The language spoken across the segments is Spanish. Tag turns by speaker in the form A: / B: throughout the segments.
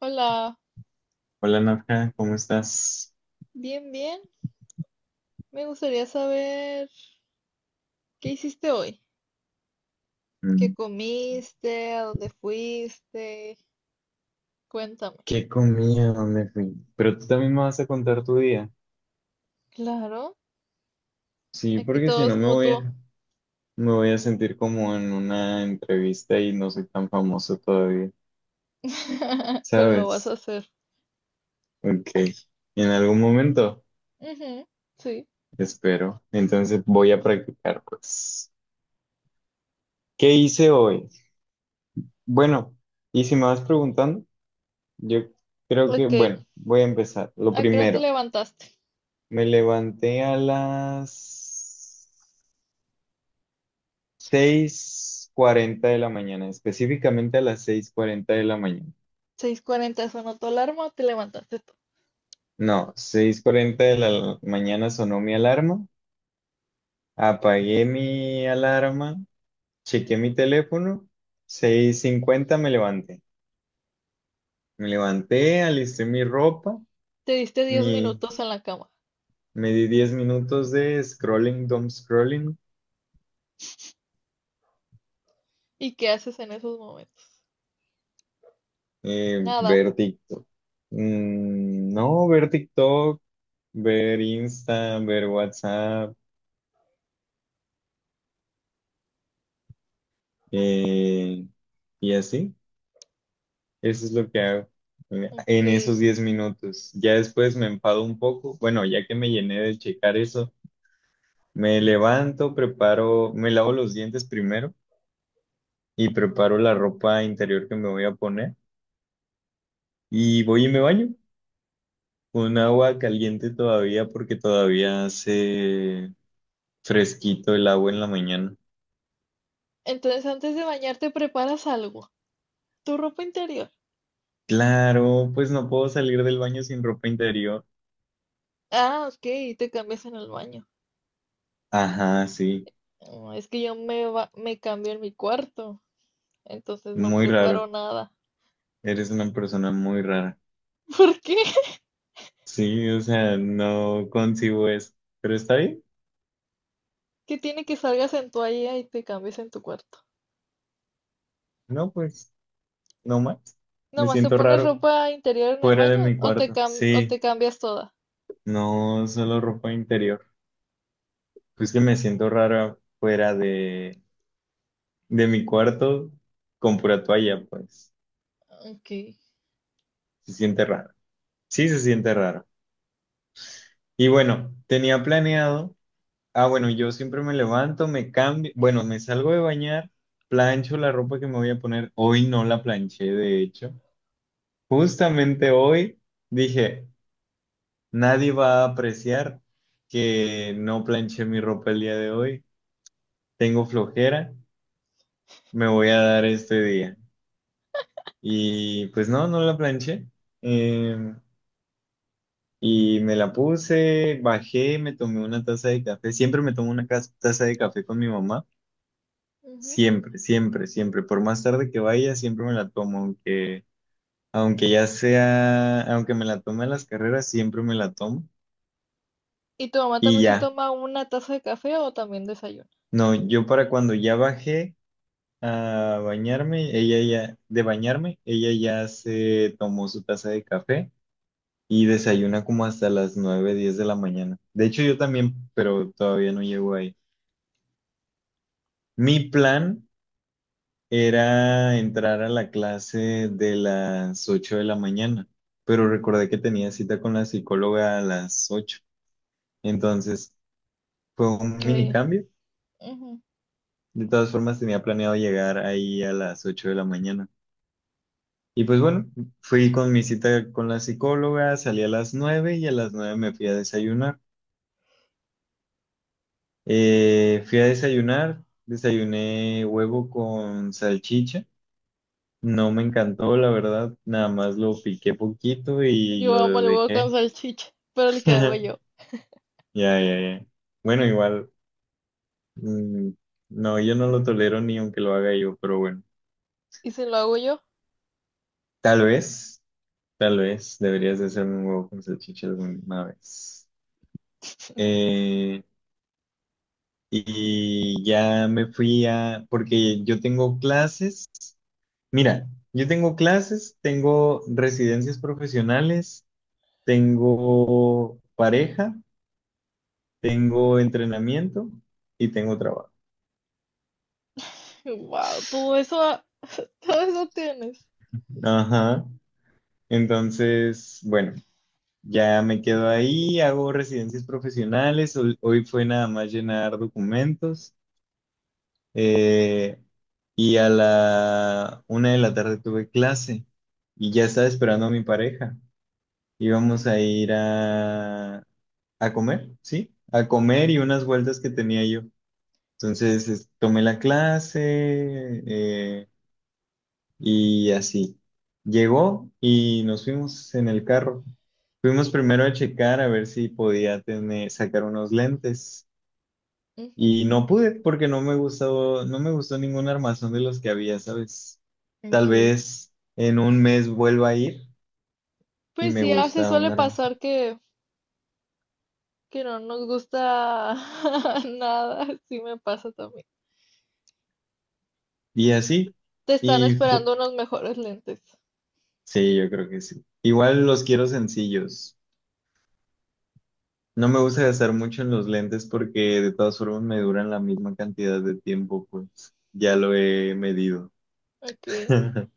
A: Hola,
B: Hola Nadja, ¿cómo estás?
A: bien, bien. Me gustaría saber qué hiciste hoy, qué
B: Mm,
A: comiste, a dónde fuiste. Cuéntame.
B: ¿qué comía? ¿Dónde fui? Pero tú también me vas a contar tu día.
A: Claro,
B: Sí,
A: aquí
B: porque si
A: todo
B: no
A: es mutuo,
B: me voy a sentir como en una entrevista y no soy tan famoso todavía,
A: pero lo vas a
B: ¿sabes?
A: hacer.
B: Ok, en algún momento,
A: Ujú, sí.
B: espero. Entonces voy a practicar, pues. ¿Qué hice hoy? Bueno, y si me vas preguntando, yo creo que,
A: Ok,
B: bueno, voy a empezar. Lo
A: ¿a qué hora te
B: primero,
A: levantaste?
B: me levanté a las 6:40 de la mañana, específicamente a las 6:40 de la mañana.
A: 6:40 sonó tu alarma, te levantaste tú.
B: No, 6:40 de la mañana sonó mi alarma, apagué mi alarma, chequé mi teléfono, 6:50 me levanté. Me levanté, alisté mi ropa,
A: Te diste diez
B: mi,
A: minutos en la cama.
B: me di 10 minutos de scrolling, dumb scrolling,
A: ¿Y qué haces en esos momentos? Nada.
B: ver TikTok. Mm, no, ver TikTok, ver Insta, ver WhatsApp. Eh, y así, eso es lo que hago
A: Ok.
B: en esos 10 minutos. Ya después me empado un poco. Bueno, ya que me llené de checar eso, me levanto, preparo, me lavo los dientes primero y preparo la ropa interior que me voy a poner. Y voy y me baño con agua caliente todavía porque todavía hace fresquito el agua en la mañana.
A: Entonces antes de bañarte preparas algo. Tu ropa interior.
B: Claro, pues no puedo salir del baño sin ropa interior.
A: Ah, ok, te cambias en el baño.
B: Ajá, sí,
A: Mm, es que me cambio en mi cuarto, entonces no
B: muy
A: preparo
B: raro.
A: nada.
B: Eres una persona muy rara.
A: ¿Por qué?
B: Sí, o sea, no concibo eso. Pero está bien.
A: ¿Qué tiene que salgas en toalla y te cambies en tu cuarto?
B: No, pues, no más. Me
A: ¿Nomás te
B: siento
A: pones
B: raro
A: ropa interior en el
B: fuera de
A: baño
B: mi cuarto.
A: o
B: Sí,
A: te cambias toda?
B: no solo ropa interior. Pues que me siento raro fuera de mi cuarto con pura toalla, pues.
A: Ok.
B: Se siente raro. Sí, se siente raro. Y bueno, tenía planeado. Ah, bueno, yo siempre me levanto, me cambio. Bueno, me salgo de bañar, plancho la ropa que me voy a poner. Hoy no la planché, de hecho. Justamente hoy dije, nadie va a apreciar que no planché mi ropa el día de hoy, tengo flojera, me voy a dar este día. Y pues no, no la planché. Eh, y me la puse, bajé, me tomé una taza de café. Siempre me tomo una taza de café con mi mamá.
A: Ujú.
B: Siempre, siempre, siempre. Por más tarde que vaya, siempre me la tomo, aunque ya sea, aunque me la tome a las carreras, siempre me la tomo.
A: ¿Y tu mamá
B: Y
A: también se
B: ya.
A: toma una taza de café o también desayuna?
B: No, yo para cuando ya bajé a bañarme, de bañarme, ella ya se tomó su taza de café y desayuna como hasta las 9:10 de la mañana. De hecho, yo también, pero todavía no llego ahí. Mi plan era entrar a la clase de las 8 de la mañana, pero recordé que tenía cita con la psicóloga a las 8. Entonces, fue un
A: Ok.
B: mini cambio.
A: Ujú.
B: De todas formas, tenía planeado llegar ahí a las 8 de la mañana. Y pues bueno, fui con mi cita con la psicóloga, salí a las 9 y a las 9 me fui a desayunar. Fui a desayunar, desayuné huevo con salchicha. No me encantó, la verdad, nada más lo piqué poquito y
A: Yo amo
B: lo
A: el huevo con
B: dejé.
A: salchicha, pero el que hago yo.
B: Ya, ya, ya. Bueno, igual, mm, no, yo no lo tolero ni aunque lo haga yo, pero bueno,
A: ¿Y si lo hago yo?
B: tal vez, tal vez deberías de hacerme un huevo con salchicha alguna vez. Eh, y ya me fui a, porque yo tengo clases, mira, yo tengo clases, tengo residencias profesionales, tengo pareja, tengo entrenamiento y tengo trabajo.
A: Wow, todo eso tienes.
B: Ajá. Entonces, bueno, ya me quedo ahí, hago residencias profesionales, hoy, hoy fue nada más llenar documentos, eh, y a la 1 de la tarde tuve clase y ya estaba esperando a mi pareja. Íbamos a ir a comer, ¿sí? A comer y unas vueltas que tenía yo. Entonces tomé la clase, eh, y así. Llegó y nos fuimos en el carro. Fuimos primero a checar a ver si podía tener, sacar unos lentes.
A: Ujú.
B: Y no pude porque no me gustó, no me gustó ningún armazón de los que había, ¿sabes? Tal
A: Ok.
B: vez en un mes vuelva a ir y
A: Pues
B: me
A: sí, a veces
B: gusta
A: suele
B: un armazón.
A: pasar que no nos gusta nada, sí me pasa también.
B: Y así.
A: Te están
B: Y fu-
A: esperando unos mejores lentes.
B: Sí, yo creo que sí. Igual los quiero sencillos. No me gusta gastar mucho en los lentes porque de todas formas me duran la misma cantidad de tiempo, pues ya lo he medido.
A: Ok.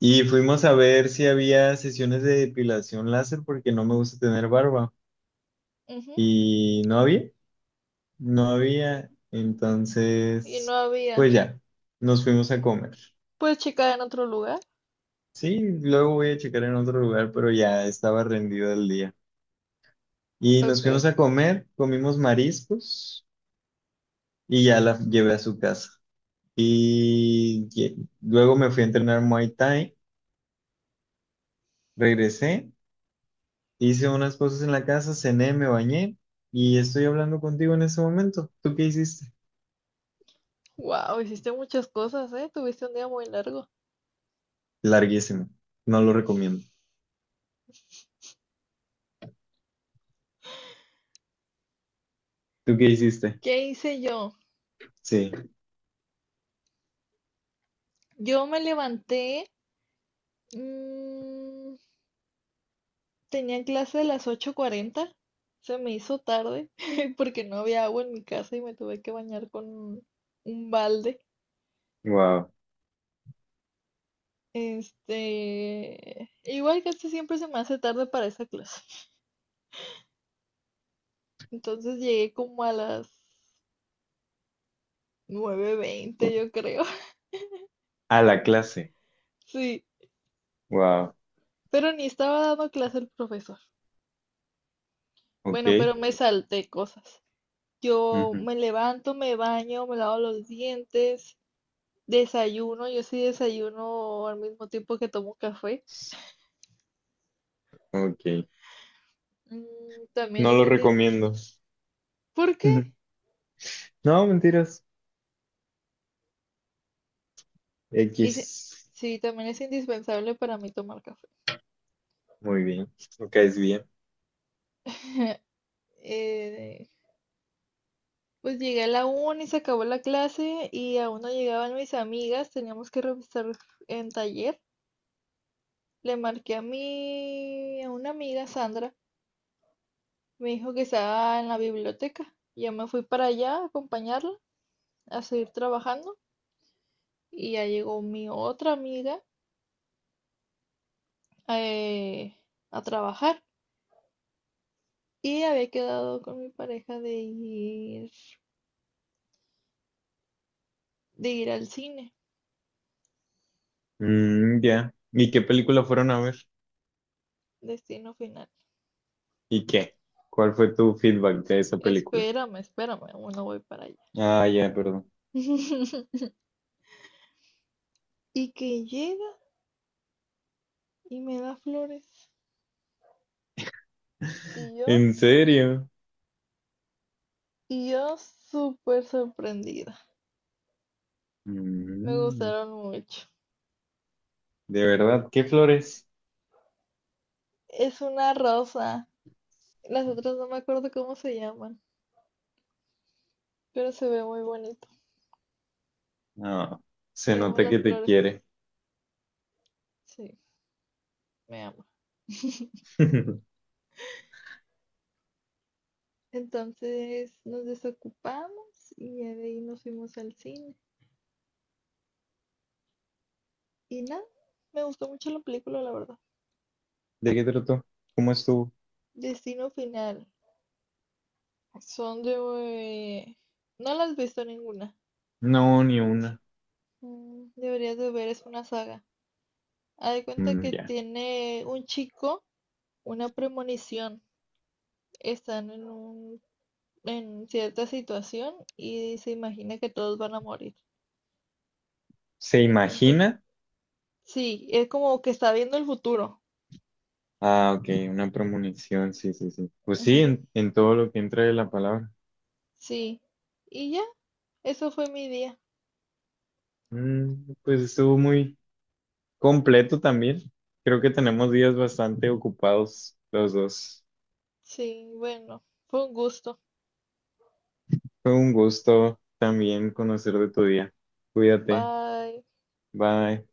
B: Y fuimos a ver si había sesiones de depilación láser porque no me gusta tener barba.
A: Ujú.
B: Y no había, no había.
A: Y no
B: Entonces,
A: había.
B: pues ya, nos fuimos a comer.
A: Puedes checar en otro lugar.
B: Sí, luego voy a checar en otro lugar, pero ya estaba rendido el día. Y nos fuimos
A: Ok.
B: a comer, comimos mariscos. Y ya la llevé a su casa. Luego me fui a entrenar Muay Thai, regresé, hice unas cosas en la casa, cené, me bañé y estoy hablando contigo en este momento. ¿Tú qué hiciste?
A: Wow, hiciste muchas cosas, ¿eh? Tuviste un día muy largo.
B: Larguísimo, no lo recomiendo. ¿Tú qué hiciste?
A: ¿Qué hice yo?
B: Sí,
A: Yo me levanté. Mm, tenía clase a las 8:40. Se me hizo tarde porque no había agua en mi casa y me tuve que bañar con un balde.
B: wow.
A: Este, igual casi siempre se me hace tarde para esa clase. Entonces llegué como a las 9:20 yo creo.
B: A la clase,
A: Sí,
B: wow.
A: pero ni estaba dando clase el profesor. Bueno,
B: Ok,
A: pero me salté cosas. Yo
B: ujú,
A: me levanto, me baño, me lavo los dientes, desayuno. Yo sí desayuno al mismo tiempo que tomo café.
B: ok.
A: Mm, también
B: No
A: es
B: lo
A: indi-
B: recomiendo.
A: ¿Por qué?
B: No, mentiras.
A: Hice-
B: X.
A: sí, también es indispensable para mí tomar café.
B: Muy bien, lo caes bien.
A: Eh, Pues llegué a la una y se acabó la clase y aún no llegaban mis amigas, teníamos que revisar en taller. Le marqué a a una amiga, Sandra, me dijo que estaba en la biblioteca. Yo me fui para allá a acompañarla, a seguir trabajando y ya llegó mi otra amiga, eh, a trabajar y había quedado con mi pareja de ir al cine,
B: Mm, ya. ¿Y qué película fueron a ver?
A: Destino Final.
B: ¿Y qué? ¿Cuál fue tu feedback de esa película?
A: Espérame, espérame, aún no voy para allá.
B: Ah, ya, perdón.
A: Y que llega y me da flores. Y yo,
B: ¿En serio?
A: y yo súper sorprendida. Me
B: Mm,
A: gustaron mucho.
B: ¿de verdad? ¿Qué flores?
A: Es una rosa. Las otras no me acuerdo cómo se llaman, pero se ve muy bonito.
B: No. Se
A: Yo amo
B: nota
A: las
B: que te
A: flores.
B: quiere.
A: Sí, me amo.
B: ¿De
A: Entonces nos desocupamos y de ahí nos fuimos al cine. Y nada, me gustó mucho la película, la verdad.
B: qué trató? ¿Cómo estuvo?
A: Destino Final. Son de... No las has visto ninguna.
B: No, ni una.
A: Mm, deberías de ver, es una saga. Haz de cuenta
B: Mm,
A: que
B: ya.
A: tiene un chico una premonición. Están en un, en cierta situación y se imagina que todos van a morir.
B: ¿Se
A: Entonces,
B: imagina?
A: sí, es como que está viendo el futuro.
B: Ah, ok, una premonición, sí, sí, sí. Pues sí,
A: Ujú,
B: en todo lo que entra de la palabra.
A: sí. Y ya, eso fue mi día.
B: Mm, pues estuvo muy completo también. Creo que tenemos días bastante ocupados los dos.
A: Sí, bueno, fue un gusto.
B: Fue un gusto también conocer de tu día. Cuídate.
A: Bye.
B: Bye.